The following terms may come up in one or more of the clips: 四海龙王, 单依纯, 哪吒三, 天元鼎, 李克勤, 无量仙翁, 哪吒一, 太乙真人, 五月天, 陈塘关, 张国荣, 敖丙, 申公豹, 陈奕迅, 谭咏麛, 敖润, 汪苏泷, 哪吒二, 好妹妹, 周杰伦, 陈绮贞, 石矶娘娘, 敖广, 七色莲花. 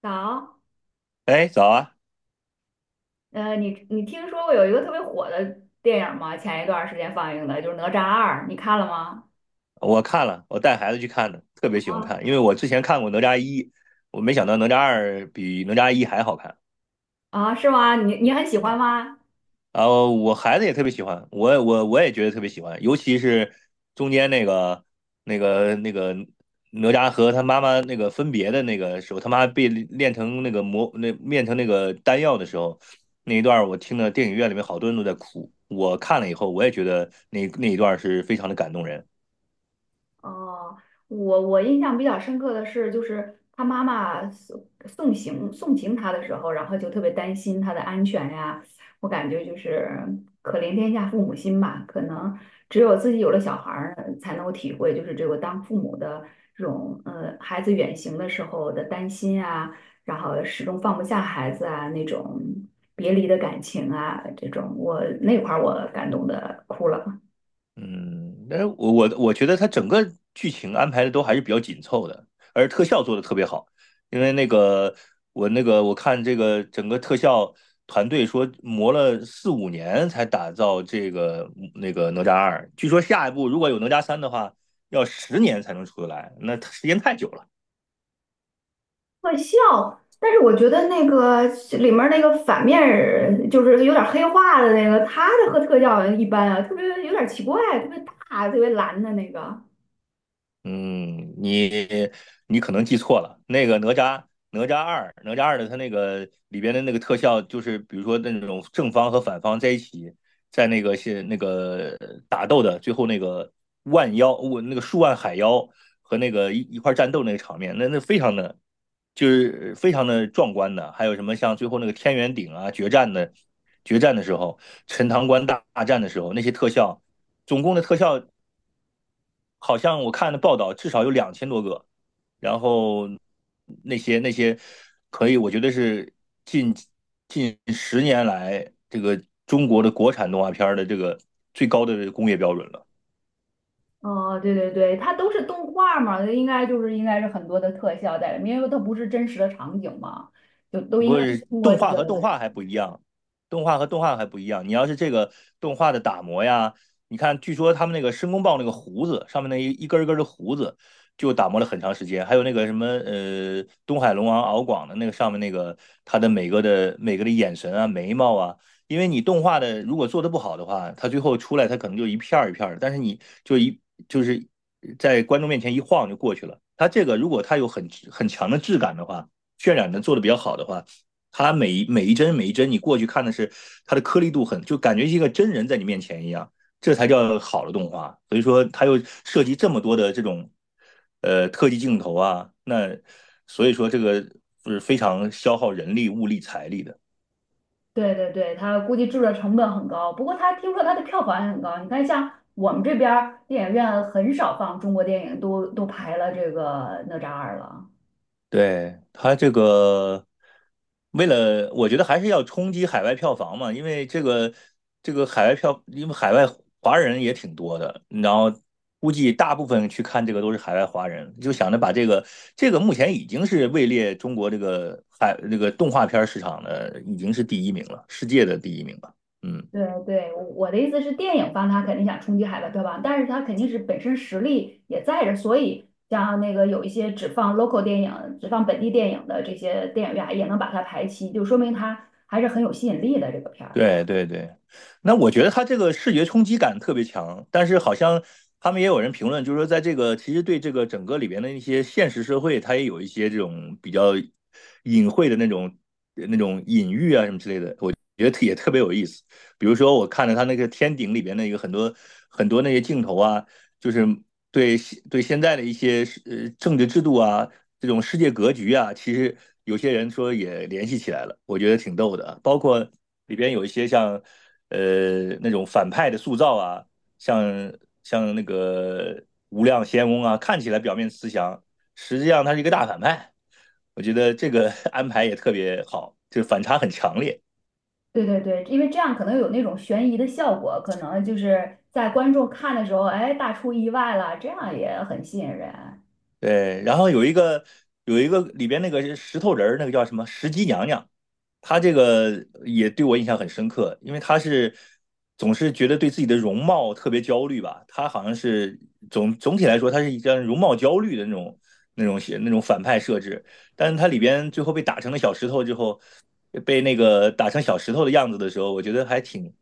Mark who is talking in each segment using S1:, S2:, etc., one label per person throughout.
S1: 早，
S2: 哎，早啊！
S1: 你听说过有一个特别火的电影吗？前一段时间放映的，就是《哪吒二》，你看了吗？
S2: 我看了，我带孩子去看的，特别喜欢看，因为我之前看过《哪吒一》，我没想到《哪吒二》比《哪吒一》还好看。
S1: 啊，是吗？你很喜欢
S2: 嗯，
S1: 吗？
S2: 然后我孩子也特别喜欢，我也觉得特别喜欢，尤其是中间那个哪吒和他妈妈那个分别的那个时候，他妈被炼成那个丹药的时候，那一段儿我听了电影院里面好多人都在哭，我看了以后我也觉得那一段儿是非常的感动人。
S1: 哦，我印象比较深刻的是，就是他妈妈送行他的时候，然后就特别担心他的安全呀。我感觉就是可怜天下父母心吧，可能只有自己有了小孩儿才能够体会，就是这个当父母的这种孩子远行的时候的担心啊，然后始终放不下孩子啊那种别离的感情啊，这种我那块儿我感动的哭了。
S2: 嗯，但是我觉得它整个剧情安排的都还是比较紧凑的，而特效做的特别好。因为我看这个整个特效团队说磨了四五年才打造这个哪吒二，据说下一步如果有哪吒三的话，要十年才能出得来，那它时间太久了。
S1: 特效，但是我觉得那个里面儿那个反面儿就是有点黑化的那个，他的和特效一般啊，特别有点奇怪，特别大，特别蓝的那个。
S2: 嗯，你可能记错了，哪吒二的它那个里边的那个特效，就是比如说那种正方和反方在一起，在那个是那个打斗的最后那个万妖，我那个数万海妖和一块战斗那个场面，那非常的非常的壮观的，还有什么像最后那个天元鼎啊决战的时候，陈塘关大战的时候那些特效。总共的特效好像我看的报道至少有2000多个，然后那些可以，我觉得是近近十年来这个中国的国产动画片儿的这个最高的工业标准了。
S1: 哦，对对对，它都是动画嘛，应该是很多的特效在里面，因为它不是真实的场景嘛，就都应
S2: 不
S1: 该都
S2: 是
S1: 通过
S2: 动
S1: 这
S2: 画
S1: 个
S2: 和动
S1: 来。
S2: 画还不一样，动画和动画还不一样。你要是这个动画的打磨呀，你看，据说他们那个申公豹那个胡子上面那一根一根的胡子，就打磨了很长时间。还有那个什么东海龙王敖广的那个上面那个他的每个的眼神啊、眉毛啊，因为你动画的如果做的不好的话，他最后出来他可能就一片儿一片儿的，但是你就是在观众面前一晃就过去了。他这个如果他有很强的质感的话，渲染的做的比较好的话。它每一帧每一帧，你过去看的是它的颗粒度很，就感觉一个真人在你面前一样，这才叫好的动画。所以说，它又涉及这么多的这种特技镜头啊，那所以说这个是非常消耗人力、物力、财力的。
S1: 对对对，它估计制作成本很高，不过它听说它的票房也很高。你看，像我们这边儿电影院很少放中国电影，都排了这个哪吒二了。
S2: 对，他这个，为了我觉得还是要冲击海外票房嘛，因为这个海外票，因为海外华人也挺多的，然后估计大部分去看这个都是海外华人，就想着把这个目前已经是位列中国这个海那个动画片市场的已经是第一名了，世界的第一名了，嗯。
S1: 对对，我的意思是，电影方他肯定想冲击海外票房，但是他肯定是本身实力也在这儿，所以像那个有一些只放 local 电影、只放本地电影的这些电影院也能把它排期，就说明它还是很有吸引力的这个片儿。
S2: 对对对，那我觉得他这个视觉冲击感特别强，但是好像他们也有人评论，就是说在这个其实对这个整个里边的一些现实社会，他也有一些这种比较隐晦的那种隐喻啊什么之类的，我觉得也特别有意思。比如说我看了他那个天顶里边的一个很多很多那些镜头啊，就是对对现在的一些政治制度啊，这种世界格局啊，其实有些人说也联系起来了，我觉得挺逗的啊包括里边有一些像那种反派的塑造啊，像像那个无量仙翁啊，看起来表面慈祥，实际上他是一个大反派。我觉得这个 安排也特别好，就反差很强烈。
S1: 对对对，因为这样可能有那种悬疑的效果，可能就是在观众看的时候，哎，大出意外了，这样也很吸引人。
S2: 对，然后有一个里边那个石头人儿，那个叫什么石矶娘娘，她这个也对我印象很深刻，因为她是总是觉得对自己的容貌特别焦虑吧，她好像是总体来说，她是一张容貌焦虑的那种写那种反派设置，但是她里边最后被打成了小石头之后，被那个打成小石头的样子的时候，我觉得还挺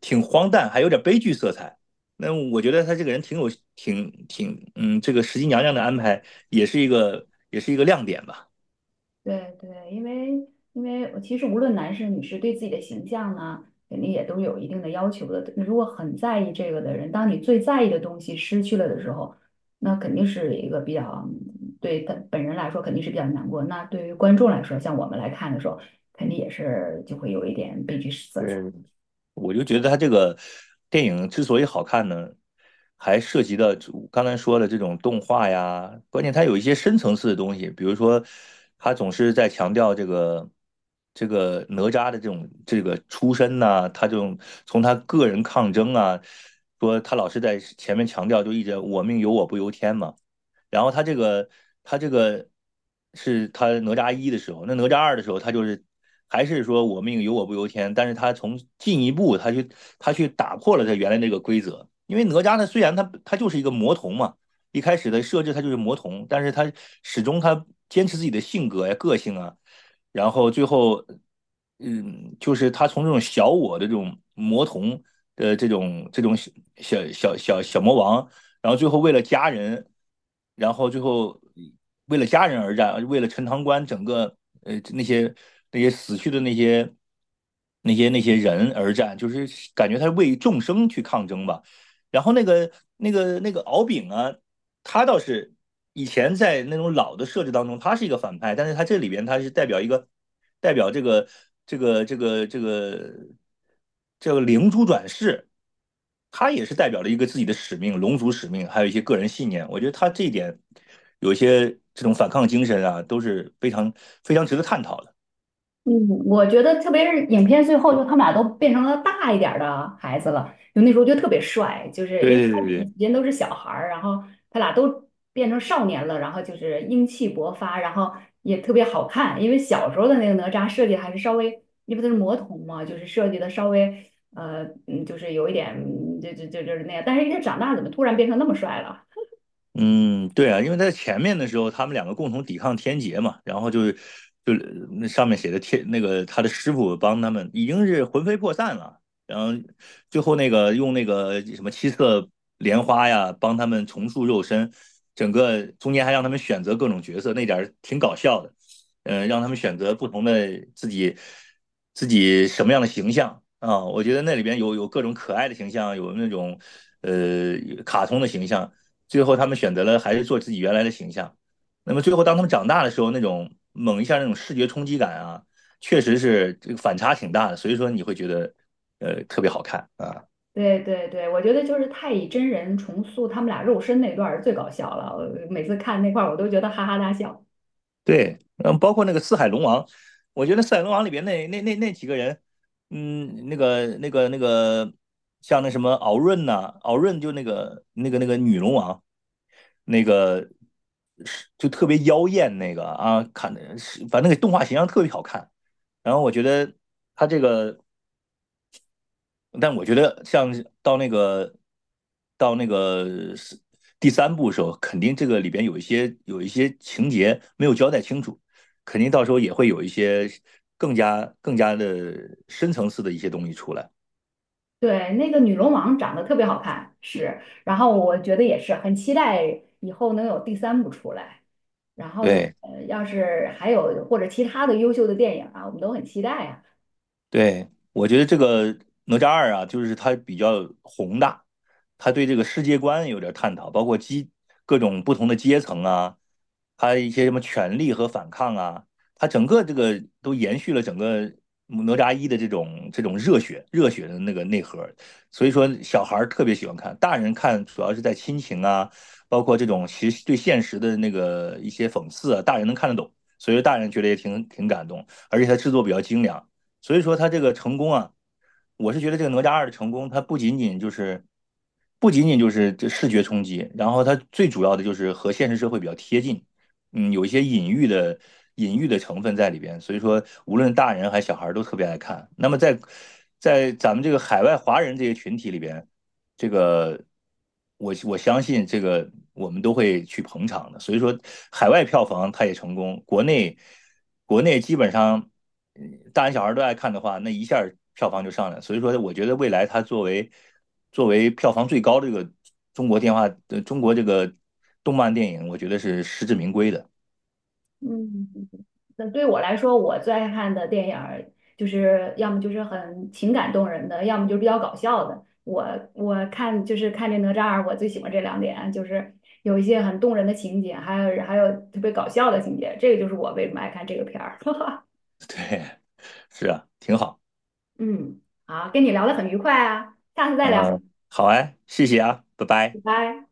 S2: 挺荒诞，还有点悲剧色彩。那我觉得他这个人挺有挺挺嗯，这个石矶娘娘的安排也是一个亮点吧。
S1: 对对，因为我其实无论男士女士对自己的形象呢，肯定也都有一定的要求的。如果很在意这个的人，当你最在意的东西失去了的时候，那肯定是一个比较对他本人来说肯定是比较难过。那对于观众来说，像我们来看的时候，肯定也是就会有一点悲剧色彩。
S2: 对，我就觉得他这个电影之所以好看呢，还涉及到刚才说的这种动画呀，关键它有一些深层次的东西，比如说他总是在强调这个哪吒的这种这个出身呐、他这种从他个人抗争啊，说他老是在前面强调，就一直我命由我不由天嘛。然后他这个是他哪吒一的时候，那哪吒二的时候，他就是还是说我命由我不由天，但是他从进一步他去打破了他原来那个规则，因为哪吒呢虽然他就是一个魔童嘛，一开始的设置他就是魔童，但是他始终他坚持自己的性格呀、个性啊，然后最后就是他从这种小我的这种魔童的这种小魔王，然后最后为了家人，然后最后为了家人而战，为了陈塘关整个呃那些那些死去的那些人而战，就是感觉他是为众生去抗争吧。然后那个敖丙啊，他倒是以前在那种老的设置当中，他是一个反派，但是他这里边他是代表这个这个这个这个灵珠转世，他也是代表了一个自己的使命、龙族使命，还有一些个人信念。我觉得他这一点有一些这种反抗精神啊，都是非常非常值得探讨的。
S1: 嗯，我觉得特别是影片最后，就他们俩都变成了大一点儿的孩子了，就那时候就特别帅，就是因
S2: 对
S1: 为
S2: 对
S1: 他
S2: 对对，
S1: 们之间都是小孩儿，然后他俩都变成少年了，然后就是英气勃发，然后也特别好看，因为小时候的那个哪吒设计还是稍微，因为他是魔童嘛，就是设计的稍微就是有一点，就是那样，但是人家长大怎么突然变成那么帅了？
S2: 嗯，对啊，因为在前面的时候，他们两个共同抵抗天劫嘛，然后就那上面写的天那个他的师傅帮他们已经是魂飞魄散了，然后最后那个用那个什么七色莲花呀帮他们重塑肉身，整个中间还让他们选择各种角色，那点儿挺搞笑的，让他们选择不同的自己什么样的形象啊，我觉得那里边有各种可爱的形象，有那种呃卡通的形象。最后他们选择了还是做自己原来的形象。那么最后当他们长大的时候，那种猛一下那种视觉冲击感啊，确实是这个反差挺大的，所以说你会觉得特别好看啊。
S1: 对对对，我觉得就是太乙真人重塑他们俩肉身那段儿最搞笑了，我每次看那块儿我都觉得哈哈大笑。
S2: 对，包括那个《四海龙王》，我觉得《四海龙王》里边那几个人，那个，像那什么敖润呐、敖润就那个女龙王，那个是就特别妖艳那个啊，看的是反正那个动画形象特别好看。然后我觉得他这个但我觉得像到那个到那个是第三部的时候，肯定这个里边有一些情节没有交代清楚，肯定到时候也会有一些更加的深层次的一些东西出来。
S1: 对，那个女龙王长得特别好看，是，然后我觉得也是很期待以后能有第三部出来，然后
S2: 对，
S1: 要是还有或者其他的优秀的电影啊，我们都很期待啊。
S2: 对，我觉得这个哪吒二啊，就是它比较宏大，它对这个世界观有点探讨，包括各种不同的阶层啊，它一些什么权力和反抗啊，它整个这个都延续了整个哪吒一的这种热血热血的那个内核，所以说小孩儿特别喜欢看，大人看主要是在亲情啊，包括这种其实对现实的那个一些讽刺啊，大人能看得懂，所以说大人觉得也挺感动，而且它制作比较精良。所以说他这个成功啊，我是觉得这个哪吒二的成功，它不仅仅就是这视觉冲击，然后它最主要的就是和现实社会比较贴近，嗯，有一些隐喻的成分在里边，所以说无论大人还是小孩都特别爱看。那么在咱们这个海外华人这些群体里边，这个我相信这个我们都会去捧场的，所以说海外票房它也成功，国内基本上大人小孩都爱看的话，那一下票房就上来所以说我觉得未来它作为票房最高的这个中国这个动漫电影，我觉得是实至名归的，
S1: 嗯，嗯，那对我来说，我最爱看的电影儿就是要么就是很情感动人的，要么就是比较搞笑的。我看就是看这哪吒二，我最喜欢这两点，就是有一些很动人的情节，还有特别搞笑的情节，这个就是我为什么爱看这个片儿。
S2: 对，是啊，挺好，
S1: 嗯，好，跟你聊得很愉快啊，下次再聊，
S2: 嗯，好哎，谢谢啊，拜
S1: 拜
S2: 拜。
S1: 拜。